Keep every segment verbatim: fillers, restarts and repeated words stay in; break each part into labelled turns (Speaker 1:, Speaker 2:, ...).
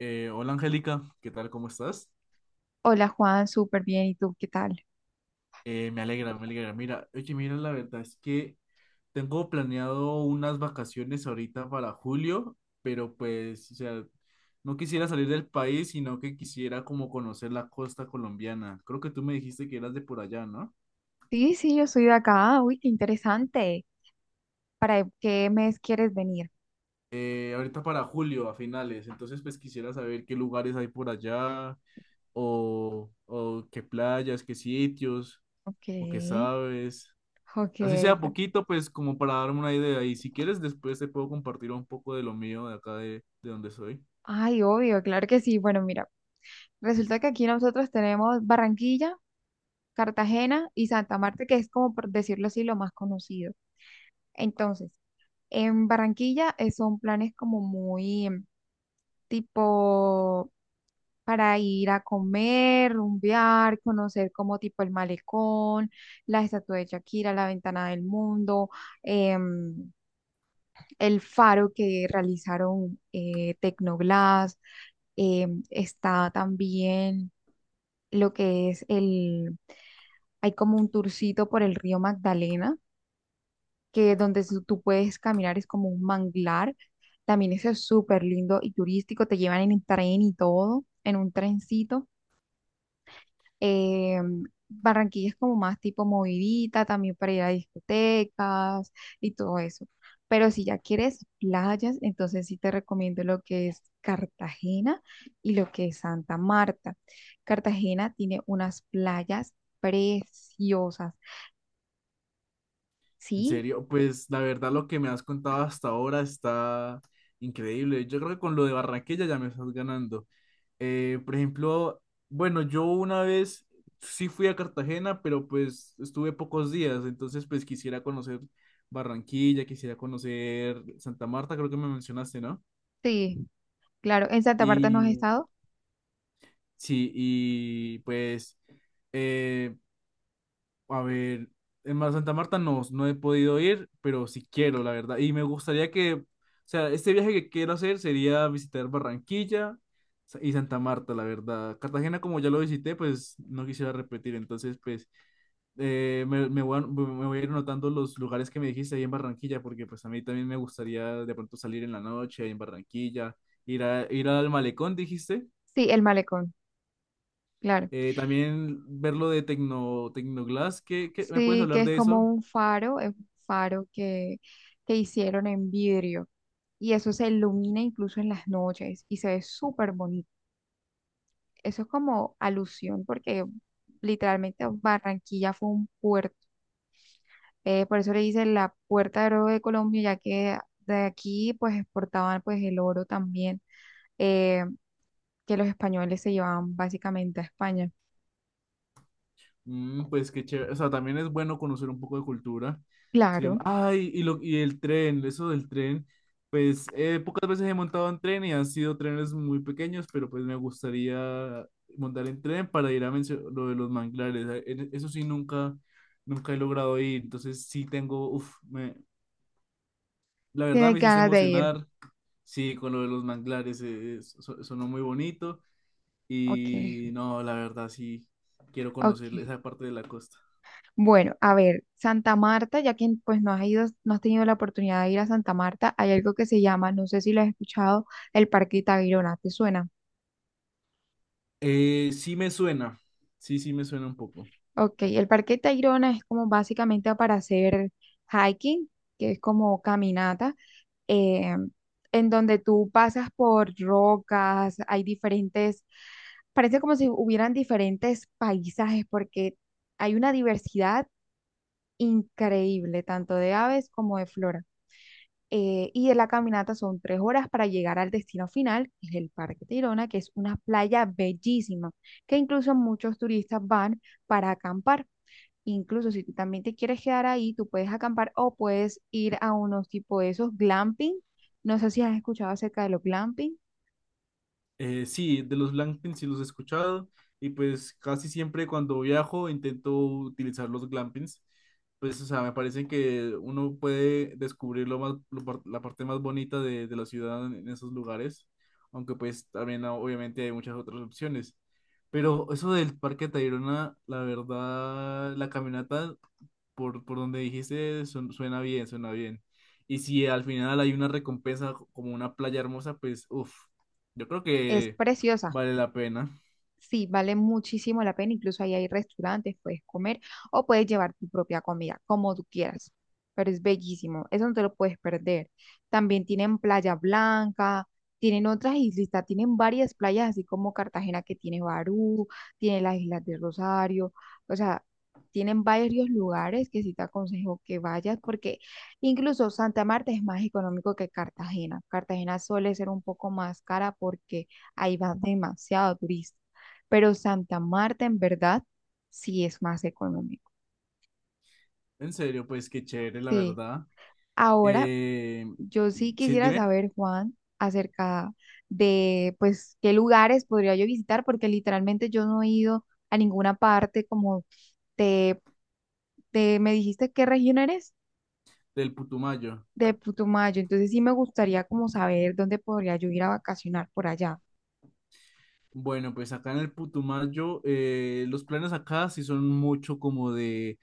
Speaker 1: Eh, hola Angélica, ¿qué tal? ¿Cómo estás?
Speaker 2: Hola Juan, súper bien. ¿Y tú qué tal?
Speaker 1: Eh, me alegra, me alegra. Mira, oye, mira, la verdad es que tengo planeado unas vacaciones ahorita para julio, pero pues, o sea, no quisiera salir del país, sino que quisiera como conocer la costa colombiana. Creo que tú me dijiste que eras de por allá, ¿no?
Speaker 2: Sí, sí, yo soy de acá. Uy, qué interesante. ¿Para qué mes quieres venir?
Speaker 1: Eh, ahorita para julio, a finales, entonces pues quisiera saber qué lugares hay por allá, o, o qué playas, qué sitios,
Speaker 2: Ok,
Speaker 1: o qué sabes.
Speaker 2: ok.
Speaker 1: Así sea
Speaker 2: per-
Speaker 1: poquito, pues como para darme una idea. Y si quieres, después te puedo compartir un poco de lo mío de acá de, de donde soy.
Speaker 2: Ay, obvio, claro que sí. Bueno, mira, resulta que aquí nosotros tenemos Barranquilla, Cartagena y Santa Marta, que es como por decirlo así, lo más conocido. Entonces, en Barranquilla eh, son planes como muy em, tipo para ir a comer, rumbear, conocer como tipo el malecón, la estatua de Shakira, la ventana del mundo, em, el faro que realizaron, eh, Tecnoglass. Em, está también lo que es el, hay como un tourcito por el río Magdalena que donde su- tú puedes caminar, es como un manglar. También eso es súper lindo y turístico. Te llevan en el tren y todo, en un trencito. Eh, Barranquilla es como más tipo movidita, también para ir a discotecas y todo eso. Pero si ya quieres playas, entonces sí te recomiendo lo que es Cartagena y lo que es Santa Marta. Cartagena tiene unas playas preciosas.
Speaker 1: En
Speaker 2: Sí,
Speaker 1: serio, pues la verdad lo que me has contado hasta ahora está increíble. Yo creo que con lo de Barranquilla ya me estás ganando. Eh, por ejemplo, bueno, yo una vez sí fui a Cartagena, pero pues estuve pocos días, entonces pues quisiera conocer Barranquilla, quisiera conocer Santa Marta, creo que me mencionaste, ¿no?
Speaker 2: sí, claro. ¿En Santa Marta no has
Speaker 1: Y
Speaker 2: estado?
Speaker 1: sí, y pues... Eh, A ver, en Mar Santa Marta no, no he podido ir, pero sí quiero, la verdad. Y me gustaría que, o sea, este viaje que quiero hacer sería visitar Barranquilla sa- y Santa Marta, la verdad. Cartagena, como ya lo visité, pues no quisiera repetir. Entonces, pues, eh, me, me voy a, me voy a ir anotando los lugares que me dijiste ahí en Barranquilla, porque pues a mí también me gustaría de pronto salir en la noche ahí en Barranquilla, ir a, ir al malecón, dijiste.
Speaker 2: Sí, el malecón, claro.
Speaker 1: Eh, también ver lo de Tecno, Tecnoglass. ¿Qué, qué- Me puedes
Speaker 2: Sí, que
Speaker 1: hablar
Speaker 2: es
Speaker 1: de
Speaker 2: como
Speaker 1: eso?
Speaker 2: un faro, es un faro que, que hicieron en vidrio y eso se ilumina incluso en las noches y se ve súper bonito. Eso es como alusión porque literalmente Barranquilla fue un puerto. Eh, por eso le dicen la puerta de oro de Colombia, ya que de aquí pues exportaban pues el oro también, eh, que los españoles se llevaban básicamente a España.
Speaker 1: Mm, pues qué chévere. O sea, también es bueno conocer un poco de cultura. Se
Speaker 2: Claro,
Speaker 1: llama- Ay, y, lo, y el tren, eso del tren. Pues eh, pocas veces he montado en tren y han sido trenes muy pequeños, pero pues me gustaría montar en tren para ir a mencio- lo de los manglares. Eh, en- Eso sí, nunca, nunca he logrado ir. Entonces sí tengo, uf, me, la verdad
Speaker 2: tienes
Speaker 1: me hiciste
Speaker 2: ganas de ir.
Speaker 1: emocionar. Sí, con lo de los manglares, eh, so- sonó muy bonito.
Speaker 2: Ok,
Speaker 1: Y no, la verdad sí, quiero conocer
Speaker 2: ok.
Speaker 1: esa parte de la costa.
Speaker 2: Bueno, a ver, Santa Marta, ya que pues no has ido, no has tenido la oportunidad de ir a Santa Marta, hay algo que se llama, no sé si lo has escuchado, el Parque Tayrona, ¿te suena?
Speaker 1: Eh, sí me suena, sí, sí me suena un poco.
Speaker 2: Ok, el Parque Tayrona es como básicamente para hacer hiking, que es como caminata, eh, en donde tú pasas por rocas, hay diferentes, parece como si hubieran diferentes paisajes, porque hay una diversidad increíble, tanto de aves como de flora. eh, y de la caminata son tres horas para llegar al destino final, que es el Parque Tayrona, que es una playa bellísima, que incluso muchos turistas van para acampar. Incluso si tú también te quieres quedar ahí, tú puedes acampar o puedes ir a unos tipo de esos glamping. No sé si has escuchado acerca de los glamping.
Speaker 1: Eh, sí, de los glampings sí los he escuchado y pues casi siempre cuando viajo intento utilizar los glampings. Pues, o sea, me parece que uno puede descubrir lo más, lo par- la parte más bonita de, de la ciudad en esos lugares, aunque pues también ah, obviamente hay muchas otras opciones. Pero eso del Parque Tayrona, la verdad, la caminata por, por donde dijiste, su- suena bien, suena bien. Y si al final hay una recompensa como una playa hermosa, pues, uff, yo creo
Speaker 2: Es
Speaker 1: que
Speaker 2: preciosa.
Speaker 1: vale la pena.
Speaker 2: Sí, vale muchísimo la pena, incluso ahí hay restaurantes, puedes comer o puedes llevar tu propia comida, como tú quieras, pero es bellísimo, eso no te lo puedes perder. También tienen Playa Blanca, tienen otras islitas, tienen varias playas, así como Cartagena que tiene Barú, tiene las Islas de Rosario, o sea, tienen varios lugares que sí te aconsejo que vayas, porque incluso Santa Marta es más económico que Cartagena. Cartagena suele ser un poco más cara porque ahí va demasiado turista, pero Santa Marta en verdad sí es más económico.
Speaker 1: En serio, pues qué chévere, la
Speaker 2: Sí.
Speaker 1: verdad.
Speaker 2: Ahora,
Speaker 1: Eh,
Speaker 2: yo sí
Speaker 1: sí,
Speaker 2: quisiera
Speaker 1: dime,
Speaker 2: saber, Juan, acerca de, pues, qué lugares podría yo visitar, porque literalmente yo no he ido a ninguna parte como te, te me dijiste qué región eres
Speaker 1: del Putumayo.
Speaker 2: de Putumayo, entonces sí me gustaría como saber dónde podría yo ir a vacacionar por allá.
Speaker 1: Bueno, pues acá en el Putumayo, eh, los planes acá sí son mucho como de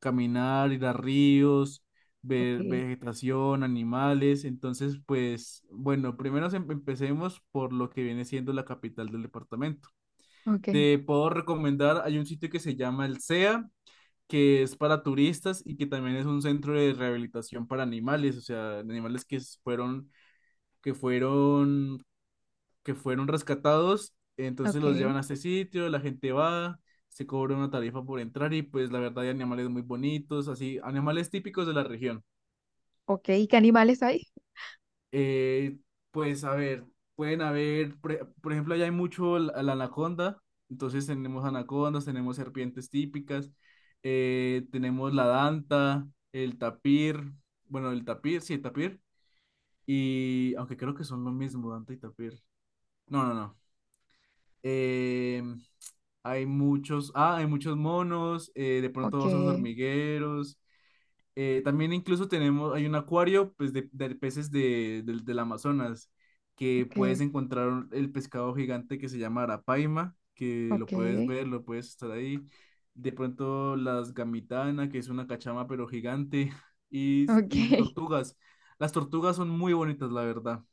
Speaker 1: caminar, ir a ríos, ver
Speaker 2: Okay.
Speaker 1: vegetación, animales. Entonces, pues, bueno, primero em- empecemos por lo que viene siendo la capital del departamento.
Speaker 2: Okay.
Speaker 1: Te puedo recomendar, hay un sitio que se llama el sea, que es para turistas y que también es un centro de rehabilitación para animales, o sea, animales que s- fueron, que fueron que fueron rescatados, entonces los
Speaker 2: Okay.
Speaker 1: llevan a este sitio, la gente va, se cobra una tarifa por entrar y pues la verdad hay animales muy bonitos, así, animales típicos de la región.
Speaker 2: Okay. ¿Y qué animales hay?
Speaker 1: Eh, pues a ver, pueden haber, pre- por ejemplo, allá hay mucho la, la anaconda, entonces tenemos anacondas, tenemos serpientes típicas, eh, tenemos la danta, el tapir, bueno, el tapir, sí, el tapir, y aunque creo que son lo mismo, danta y tapir. No, no, no. eh, hay muchos, ah, hay muchos monos, eh, de pronto osos
Speaker 2: Okay.
Speaker 1: hormigueros. Eh, también incluso tenemos, hay un acuario pues, de, de peces de, del del Amazonas, que puedes
Speaker 2: Okay.
Speaker 1: encontrar un- el pescado gigante que se llama arapaima, que lo puedes
Speaker 2: Okay.
Speaker 1: ver, lo puedes estar ahí. De pronto las gamitana, que es una cachama pero gigante, y, y
Speaker 2: Okay.
Speaker 1: tortugas. Las tortugas son muy bonitas, la verdad.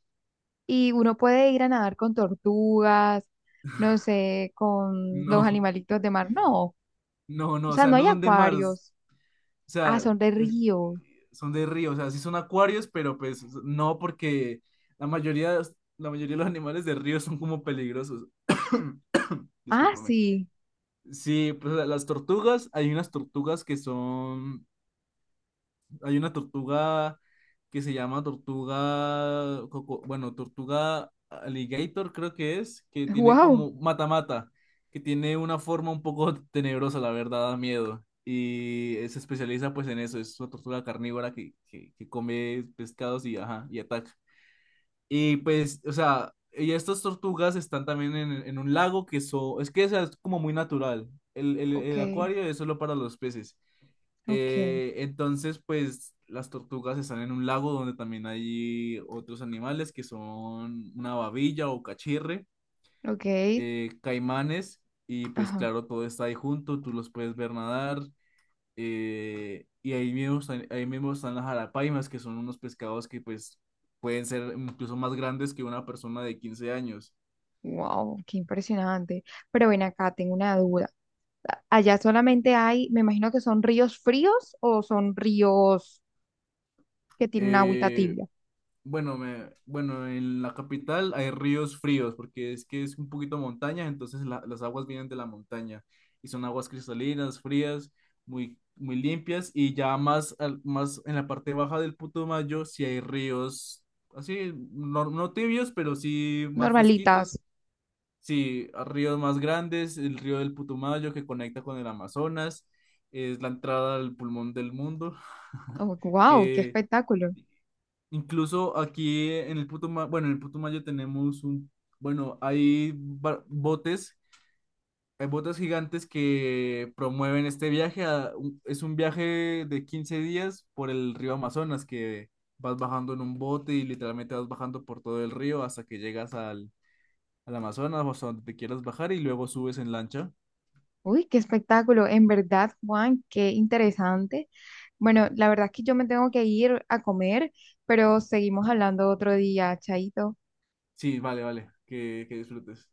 Speaker 2: Y uno puede ir a nadar con tortugas, no sé, con los
Speaker 1: No,
Speaker 2: animalitos de mar. No, o
Speaker 1: no, no, o
Speaker 2: sea,
Speaker 1: sea,
Speaker 2: no
Speaker 1: no
Speaker 2: hay
Speaker 1: son de mar.
Speaker 2: acuarios.
Speaker 1: O
Speaker 2: Ah,
Speaker 1: sea,
Speaker 2: son de
Speaker 1: es-
Speaker 2: río.
Speaker 1: son de río, o sea, sí son acuarios, pero pues no porque la mayoría, la mayoría de los animales de río son como peligrosos.
Speaker 2: Ah,
Speaker 1: Discúlpame.
Speaker 2: sí.
Speaker 1: Sí, pues la- las tortugas, hay unas tortugas que son hay una tortuga que se llama tortuga, coco- bueno, tortuga alligator creo que es, que tiene
Speaker 2: Wow.
Speaker 1: como mata-mata, que tiene una forma un poco tenebrosa, la verdad, da miedo. Y eh, se especializa pues en eso, es una tortuga carnívora que, que, que come pescados y, ajá, y ataca. Y pues, o sea, y estas tortugas están también en, en un lago que so- es que o sea, es como muy natural. El, el,
Speaker 2: Ok,
Speaker 1: el acuario es solo para los peces.
Speaker 2: ok,
Speaker 1: Eh, entonces, pues las tortugas están en un lago donde también hay otros animales que son una babilla o cachirre,
Speaker 2: ok.
Speaker 1: eh, caimanes, y pues
Speaker 2: Ajá.
Speaker 1: claro, todo está ahí junto, tú los puedes ver nadar, eh, y ahí mismo, están, ahí mismo están las jarapaimas, que son unos pescados que pues pueden ser incluso más grandes que una persona de quince años.
Speaker 2: Wow, qué impresionante. Pero ven acá, tengo una duda. A- Allá solamente hay, me imagino que son ríos fríos o son ríos que tienen agüita
Speaker 1: Eh,
Speaker 2: tibia,
Speaker 1: Bueno, me, bueno, en la capital hay ríos fríos porque es que es un poquito montaña, entonces la- las aguas vienen de la montaña y son aguas cristalinas, frías, muy, muy limpias y ya más, al- más en la parte baja del Putumayo sí hay ríos así, no, no tibios, pero sí más fresquitos,
Speaker 2: normalitas.
Speaker 1: sí, a ríos más grandes, el río del Putumayo que conecta con el Amazonas, es la entrada al pulmón del mundo,
Speaker 2: Oh, wow, qué
Speaker 1: que
Speaker 2: espectáculo.
Speaker 1: Incluso aquí en el Putumayo, bueno, en el Putumayo tenemos un, bueno, hay ba- botes, hay botes gigantes que promueven este viaje. A- un- es un viaje de quince días por el río Amazonas, que vas bajando en un bote y literalmente vas bajando por todo el río hasta que llegas al, al Amazonas o hasta donde te quieras bajar y luego subes en lancha.
Speaker 2: Uy, qué espectáculo. En verdad, Juan, qué interesante. Bueno, la verdad es que yo me tengo que ir a comer, pero seguimos hablando otro día. Chaito.
Speaker 1: Sí, vale, vale, que, que disfrutes.